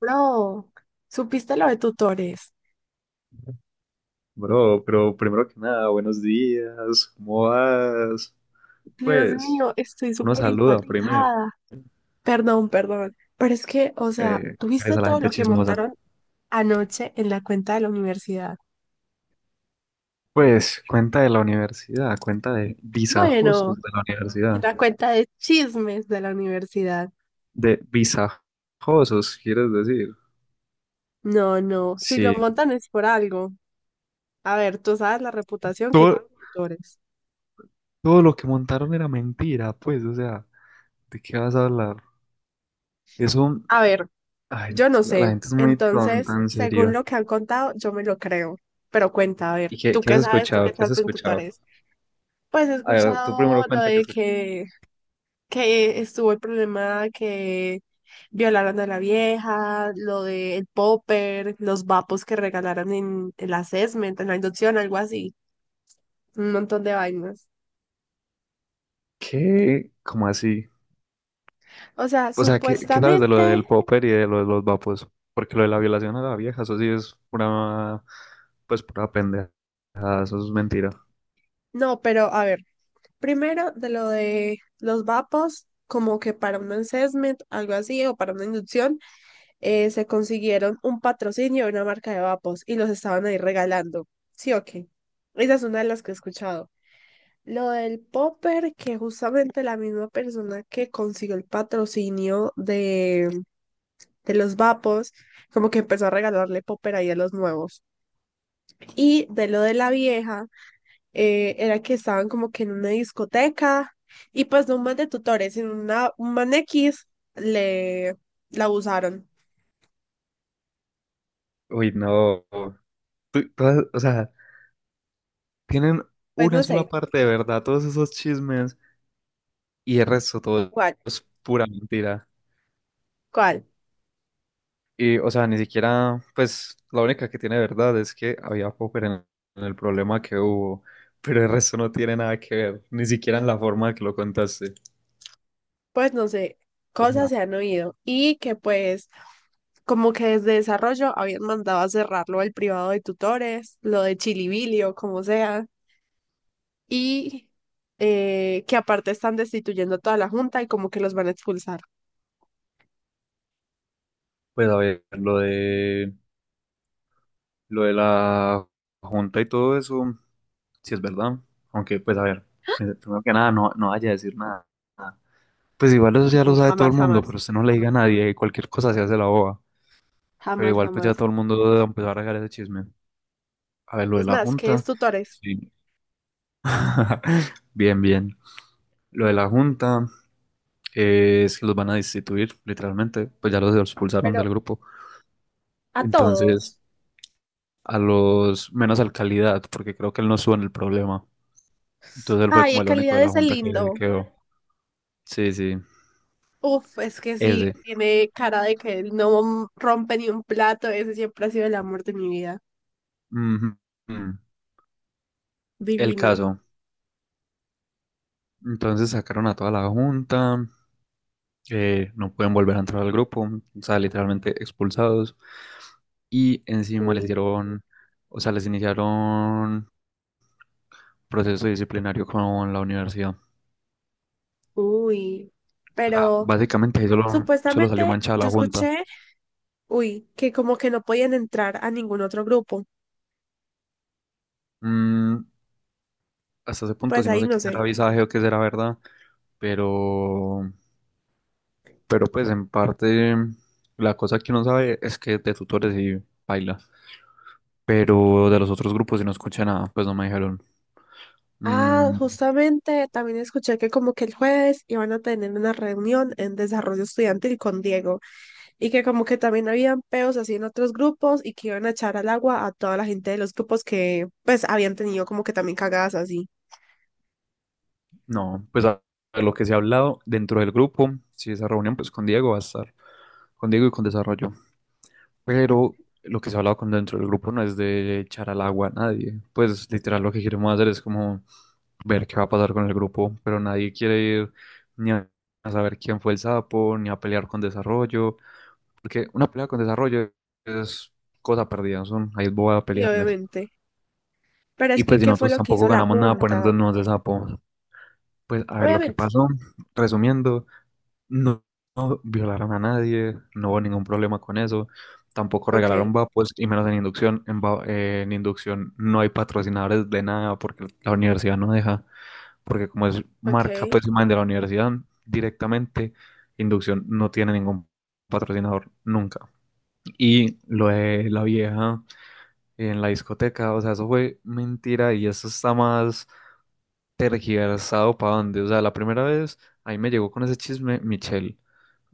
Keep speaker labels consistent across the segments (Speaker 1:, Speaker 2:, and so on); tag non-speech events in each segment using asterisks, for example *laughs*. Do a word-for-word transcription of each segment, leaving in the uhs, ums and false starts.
Speaker 1: Bro, ¿supiste lo de tutores?
Speaker 2: Bro, pero primero que nada, buenos días, ¿cómo vas?
Speaker 1: Dios
Speaker 2: Pues,
Speaker 1: mío, estoy
Speaker 2: uno
Speaker 1: súper
Speaker 2: saluda primero,
Speaker 1: impactada. Perdón, perdón, pero es que, o sea,
Speaker 2: eh, es
Speaker 1: ¿tuviste
Speaker 2: a la
Speaker 1: todo
Speaker 2: gente
Speaker 1: lo que
Speaker 2: chismosa.
Speaker 1: montaron anoche en la cuenta de la universidad?
Speaker 2: Pues, cuenta de la universidad, cuenta de visajosos
Speaker 1: Bueno,
Speaker 2: de la
Speaker 1: en
Speaker 2: universidad,
Speaker 1: la cuenta de chismes de la universidad.
Speaker 2: de visajosos, quieres decir.
Speaker 1: No, no, si lo
Speaker 2: Sí,
Speaker 1: montan es por algo. A ver, tú sabes la reputación que
Speaker 2: todo,
Speaker 1: tienen tutores.
Speaker 2: todo lo que montaron era mentira, pues, o sea, ¿de qué vas a hablar? Eso,
Speaker 1: A ver,
Speaker 2: ay,
Speaker 1: yo no
Speaker 2: la la
Speaker 1: sé.
Speaker 2: gente es muy tonta,
Speaker 1: Entonces,
Speaker 2: en
Speaker 1: según lo
Speaker 2: serio.
Speaker 1: que han contado, yo me lo creo. Pero cuenta, a
Speaker 2: ¿Y
Speaker 1: ver,
Speaker 2: qué,
Speaker 1: ¿tú
Speaker 2: qué has
Speaker 1: qué sabes? ¿Tú qué
Speaker 2: escuchado? ¿Qué has
Speaker 1: sabes en
Speaker 2: escuchado?
Speaker 1: tutores? Pues he
Speaker 2: A ver, tú primero
Speaker 1: escuchado lo
Speaker 2: cuenta que
Speaker 1: de que, que estuvo el problema que violaron a la vieja, lo de el popper, los vapos que regalaron en, en la assessment, en la inducción, algo así, un montón de vainas.
Speaker 2: ¿qué? ¿Cómo así?
Speaker 1: O sea,
Speaker 2: O sea, ¿qué, qué sabes de lo
Speaker 1: supuestamente,
Speaker 2: del popper y de lo de los vapos? Porque lo de la violación a la vieja, eso sí es pura, pues pura pendeja, eso es mentira.
Speaker 1: no, pero a ver, primero de lo de los vapos, como que para un assessment, algo así, o para una inducción. Eh, se consiguieron un patrocinio de una marca de vapos y los estaban ahí regalando. Sí, ok. Esa es una de las que he escuchado. Lo del popper, que justamente la misma persona que consiguió el patrocinio de, de los vapos, como que empezó a regalarle popper ahí a los nuevos. Y de lo de la vieja, eh, era que estaban como que en una discoteca y pues no un man de tutores, sino una, un man X le la abusaron.
Speaker 2: Uy, no. Tú- todas- o sea, tienen
Speaker 1: Pues
Speaker 2: una
Speaker 1: no
Speaker 2: sola
Speaker 1: sé,
Speaker 2: parte de verdad, todos esos chismes, y el resto todo
Speaker 1: ¿cuál?
Speaker 2: es pura mentira.
Speaker 1: ¿Cuál?
Speaker 2: Y, o sea, ni siquiera, pues, la única que tiene verdad es que había popper en, en el problema que hubo, pero el resto no tiene nada que ver, ni siquiera en la forma que lo contaste.
Speaker 1: Pues no sé, cosas se han oído y que pues como que desde desarrollo habían mandado a cerrarlo al privado de tutores, lo de Chilibili o como sea, y eh, que aparte están destituyendo a toda la junta y como que los van a expulsar.
Speaker 2: Pues a ver, lo de lo de la junta y todo eso, si es verdad. Aunque, pues a ver, pri- primero que nada, no, no vaya a decir nada. Pues igual eso ya lo
Speaker 1: No,
Speaker 2: sabe todo
Speaker 1: jamás,
Speaker 2: el mundo,
Speaker 1: jamás,
Speaker 2: pero usted no le diga a nadie, y cualquier cosa se hace la boba. Pero
Speaker 1: jamás,
Speaker 2: igual pues ya
Speaker 1: jamás.
Speaker 2: todo el mundo va a empezar a sacar ese chisme. A ver, lo de
Speaker 1: Es
Speaker 2: la
Speaker 1: más, que es
Speaker 2: junta,
Speaker 1: tutores,
Speaker 2: sí. *laughs* Bien, bien. Lo de la junta, eh, es que los van a destituir, literalmente, pues ya los expulsaron
Speaker 1: pero
Speaker 2: del grupo.
Speaker 1: a
Speaker 2: Entonces,
Speaker 1: todos.
Speaker 2: a los menos al calidad, porque creo que él no sube en el problema. Entonces él fue
Speaker 1: Ay,
Speaker 2: como
Speaker 1: de
Speaker 2: el único de
Speaker 1: calidad
Speaker 2: la
Speaker 1: ese
Speaker 2: junta que
Speaker 1: lindo.
Speaker 2: quedó. Sí, sí,
Speaker 1: Uf, es que sí,
Speaker 2: ese.
Speaker 1: tiene cara de que no rompe ni un plato, ese siempre ha sido el amor de mi vida.
Speaker 2: Ujú, ujú. El
Speaker 1: Divino.
Speaker 2: caso. Entonces sacaron a toda la junta, eh, no pueden volver a entrar al grupo, o sea, literalmente expulsados. Y encima les
Speaker 1: Uy,
Speaker 2: dieron, o sea, les iniciaron proceso disciplinario con la universidad. O
Speaker 1: uy. Pero
Speaker 2: básicamente ahí solo, solo salió
Speaker 1: supuestamente
Speaker 2: manchada
Speaker 1: yo
Speaker 2: la junta.
Speaker 1: escuché, uy, que como que no podían entrar a ningún otro grupo.
Speaker 2: Mm, hasta ese punto,
Speaker 1: Pues
Speaker 2: si no
Speaker 1: ahí
Speaker 2: sé
Speaker 1: no
Speaker 2: qué será
Speaker 1: sé.
Speaker 2: visaje o qué será verdad, pero Pero pues en parte la cosa que uno sabe es que de tutores sí baila. Pero de los otros grupos si no escuché nada, pues no me dijeron.
Speaker 1: Ah,
Speaker 2: Mm,
Speaker 1: justamente también escuché que como que el jueves iban a tener una reunión en desarrollo estudiantil con Diego y que como que también habían peos así en otros grupos y que iban a echar al agua a toda la gente de los grupos que pues habían tenido como que también cagadas así.
Speaker 2: no, pues a a lo que se ha hablado dentro del grupo, si esa reunión pues con Diego va a estar, con Diego y con Desarrollo. Pero lo que se ha hablado con dentro del grupo no es de echar al agua a nadie. Pues literal lo que queremos hacer es como ver qué va a pasar con el grupo, pero nadie quiere ir ni a a saber quién fue el sapo, ni a pelear con Desarrollo. Porque una pelea con desarrollo es cosa perdida, ¿no? Son, ahí voy a
Speaker 1: Y
Speaker 2: pelearles.
Speaker 1: obviamente. Pero es
Speaker 2: Y
Speaker 1: que,
Speaker 2: pues si
Speaker 1: ¿qué fue
Speaker 2: nosotros
Speaker 1: lo que
Speaker 2: tampoco
Speaker 1: hizo la
Speaker 2: ganamos nada
Speaker 1: junta?
Speaker 2: poniéndonos nos de sapo. Pues a ver lo que
Speaker 1: Obviamente.
Speaker 2: pasó, resumiendo, no, no violaron a nadie, no hubo ningún problema con eso, tampoco regalaron
Speaker 1: Ok,
Speaker 2: vapos y menos en inducción. En, va- eh, en inducción no hay patrocinadores de nada porque la universidad no deja, porque como es marca
Speaker 1: ok.
Speaker 2: pues imagen de la universidad directamente, inducción no tiene ningún patrocinador nunca. Y lo de la vieja en la discoteca, o sea, eso fue mentira y eso está más tergiversado para dónde. O sea, la primera vez ahí me llegó con ese chisme Michelle.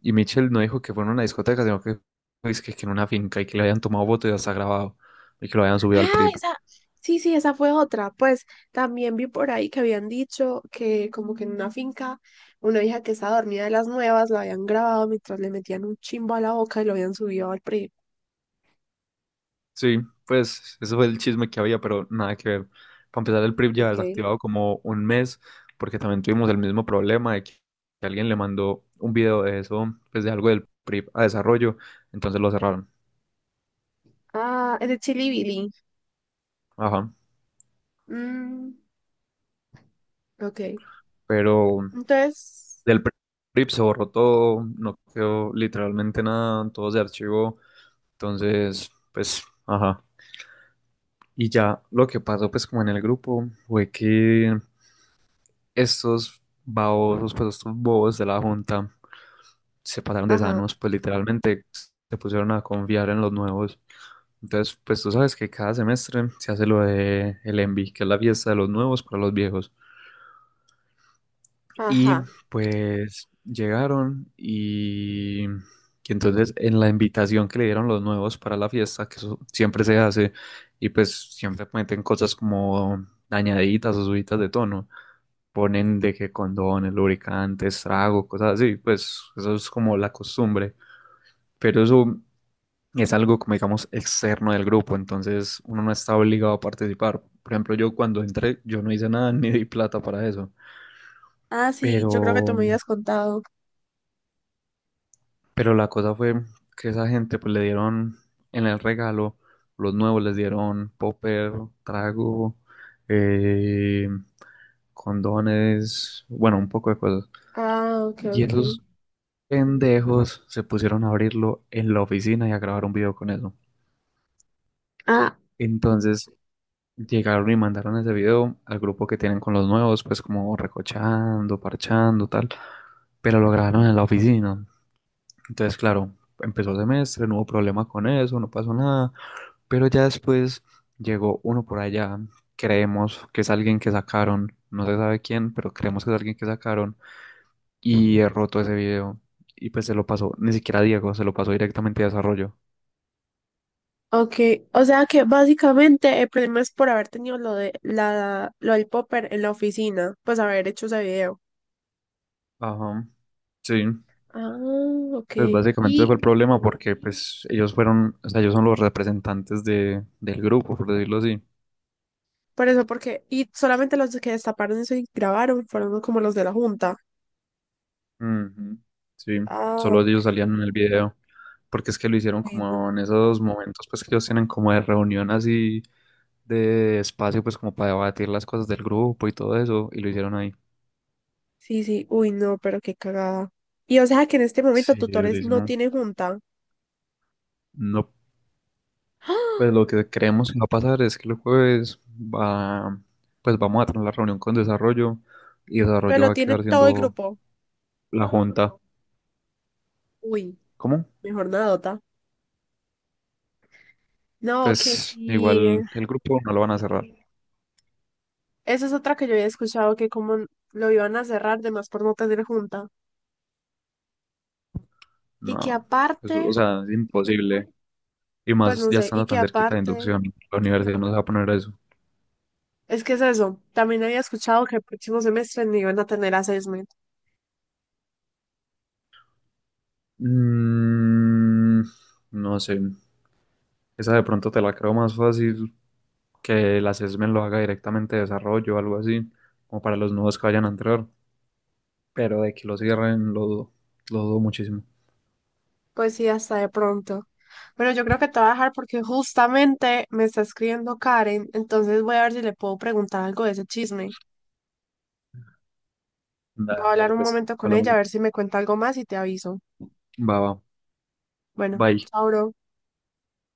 Speaker 2: Y Michelle no dijo que fue en una discoteca, sino que, es que, que en una finca y que le habían tomado fotos y hasta grabado y que lo habían subido al
Speaker 1: Ah,
Speaker 2: P R I P.
Speaker 1: esa, sí, sí, esa fue otra. Pues también vi por ahí que habían dicho que como que en una finca una hija que estaba dormida de las nuevas la habían grabado mientras le metían un chimbo a la boca y lo habían subido al P R I.
Speaker 2: Sí, pues eso fue el chisme que había, pero nada que ver. Para empezar, el P R I P ya
Speaker 1: Ok.
Speaker 2: desactivado como un mes, porque también tuvimos el mismo problema de que que alguien le mandó un video de eso, pues de algo del P R I P a desarrollo, entonces lo cerraron.
Speaker 1: Ah, es de Chili Billy.
Speaker 2: Ajá.
Speaker 1: Mm, ok.
Speaker 2: Pero
Speaker 1: Entonces,
Speaker 2: del P R I P se borró todo, no quedó literalmente nada, todo se archivó, entonces, pues, ajá. Y ya lo que pasó, pues, como en el grupo, fue que estos babosos, pues, estos bobos de la junta se pasaron de
Speaker 1: ajá,
Speaker 2: sanos, pues literalmente se pusieron a confiar en los nuevos. Entonces, pues tú sabes que cada semestre se hace lo de el ENVI, que es la fiesta de los nuevos para los viejos. Y
Speaker 1: ajá.
Speaker 2: pues llegaron y, y entonces en la invitación que le dieron los nuevos para la fiesta, que eso siempre se hace, y pues siempre meten cosas como dañaditas o subidas de tono. Ponen de que condones, lubricantes, trago, cosas así, pues eso es como la costumbre. Pero eso es algo como digamos externo del grupo, entonces uno no está obligado a participar. Por ejemplo, yo cuando entré, yo no hice nada *laughs* ni di plata para eso,
Speaker 1: Ah, sí, yo creo que tú
Speaker 2: pero,
Speaker 1: me habías contado.
Speaker 2: pero la cosa fue que esa gente pues le dieron en el regalo, los nuevos les dieron popper, trago, eh, condones, bueno, un poco de cosas.
Speaker 1: Ah, ok,
Speaker 2: Y
Speaker 1: ok.
Speaker 2: esos pendejos se pusieron a abrirlo en la oficina y a grabar un video con eso.
Speaker 1: Ah,
Speaker 2: Entonces, llegaron y mandaron ese video al grupo que tienen con los nuevos, pues como recochando, parchando, tal, pero lo grabaron en la oficina. Entonces, claro, empezó semestre, no hubo problema con eso, no pasó nada, pero ya después llegó uno por allá, creemos que es alguien que sacaron, no se sabe quién, pero creemos que es alguien que sacaron y he roto ese video y pues se lo pasó, ni siquiera a Diego, se lo pasó directamente a desarrollo.
Speaker 1: ok, o sea que básicamente el problema es por haber tenido lo de la lo del popper en la oficina, pues haber hecho ese video.
Speaker 2: Ajá, sí.
Speaker 1: Ah, ok.
Speaker 2: Pues básicamente ese
Speaker 1: Y
Speaker 2: fue el problema porque pues ellos fueron, o sea, ellos son los representantes de, del grupo, por decirlo así.
Speaker 1: por eso, porque, y solamente los que destaparon eso y grabaron fueron como los de la junta.
Speaker 2: Ujú, sí,
Speaker 1: Ah,
Speaker 2: solo
Speaker 1: ok.
Speaker 2: ellos salían en el video, porque es que lo hicieron
Speaker 1: Uy,
Speaker 2: como
Speaker 1: no.
Speaker 2: en esos momentos pues que ellos tienen como de reunión así de espacio pues como para debatir las cosas del grupo y todo eso, y lo hicieron ahí.
Speaker 1: Sí, sí, uy, no, pero qué cagada. Y o sea que en este momento
Speaker 2: Sí,
Speaker 1: tutores no
Speaker 2: durísimo.
Speaker 1: tiene junta.
Speaker 2: No, pues
Speaker 1: ¡Ah!
Speaker 2: lo que creemos que va a pasar es que el jueves va, pues vamos a tener la reunión con desarrollo y
Speaker 1: Pero
Speaker 2: desarrollo
Speaker 1: lo
Speaker 2: va a
Speaker 1: tiene
Speaker 2: quedar
Speaker 1: todo el
Speaker 2: siendo
Speaker 1: grupo.
Speaker 2: la junta.
Speaker 1: Uy,
Speaker 2: ¿Cómo?
Speaker 1: mejor nada, Dota. No, que
Speaker 2: Pues
Speaker 1: sí.
Speaker 2: igual el grupo no lo van a cerrar.
Speaker 1: Esa es otra que yo había escuchado, que como lo iban a cerrar, de más por no tener junta. Y que
Speaker 2: No, pues, o
Speaker 1: aparte,
Speaker 2: sea, es imposible. Y
Speaker 1: pues
Speaker 2: más
Speaker 1: no
Speaker 2: ya
Speaker 1: sé, y
Speaker 2: estando
Speaker 1: que
Speaker 2: tan cerquita de
Speaker 1: aparte,
Speaker 2: inducción, la universidad no se va a poner a eso.
Speaker 1: es que es eso, también había escuchado que el próximo semestre ni iban a tener assessment.
Speaker 2: Mm, no sé. Esa de pronto te la creo más fácil que la CESMEN lo haga directamente de desarrollo o algo así, como para los nuevos que vayan a entrar. Pero de que lo cierren, lo dudo, lo dudo muchísimo.
Speaker 1: Pues sí, hasta de pronto. Pero yo creo que te voy a dejar porque justamente me está escribiendo Karen, entonces voy a ver si le puedo preguntar algo de ese chisme. Voy a
Speaker 2: Da-
Speaker 1: hablar
Speaker 2: dale
Speaker 1: un
Speaker 2: pues,
Speaker 1: momento con
Speaker 2: hablamos.
Speaker 1: ella, a ver si me cuenta algo más y te aviso.
Speaker 2: Va, va.
Speaker 1: Bueno,
Speaker 2: Bye.
Speaker 1: chao, bro.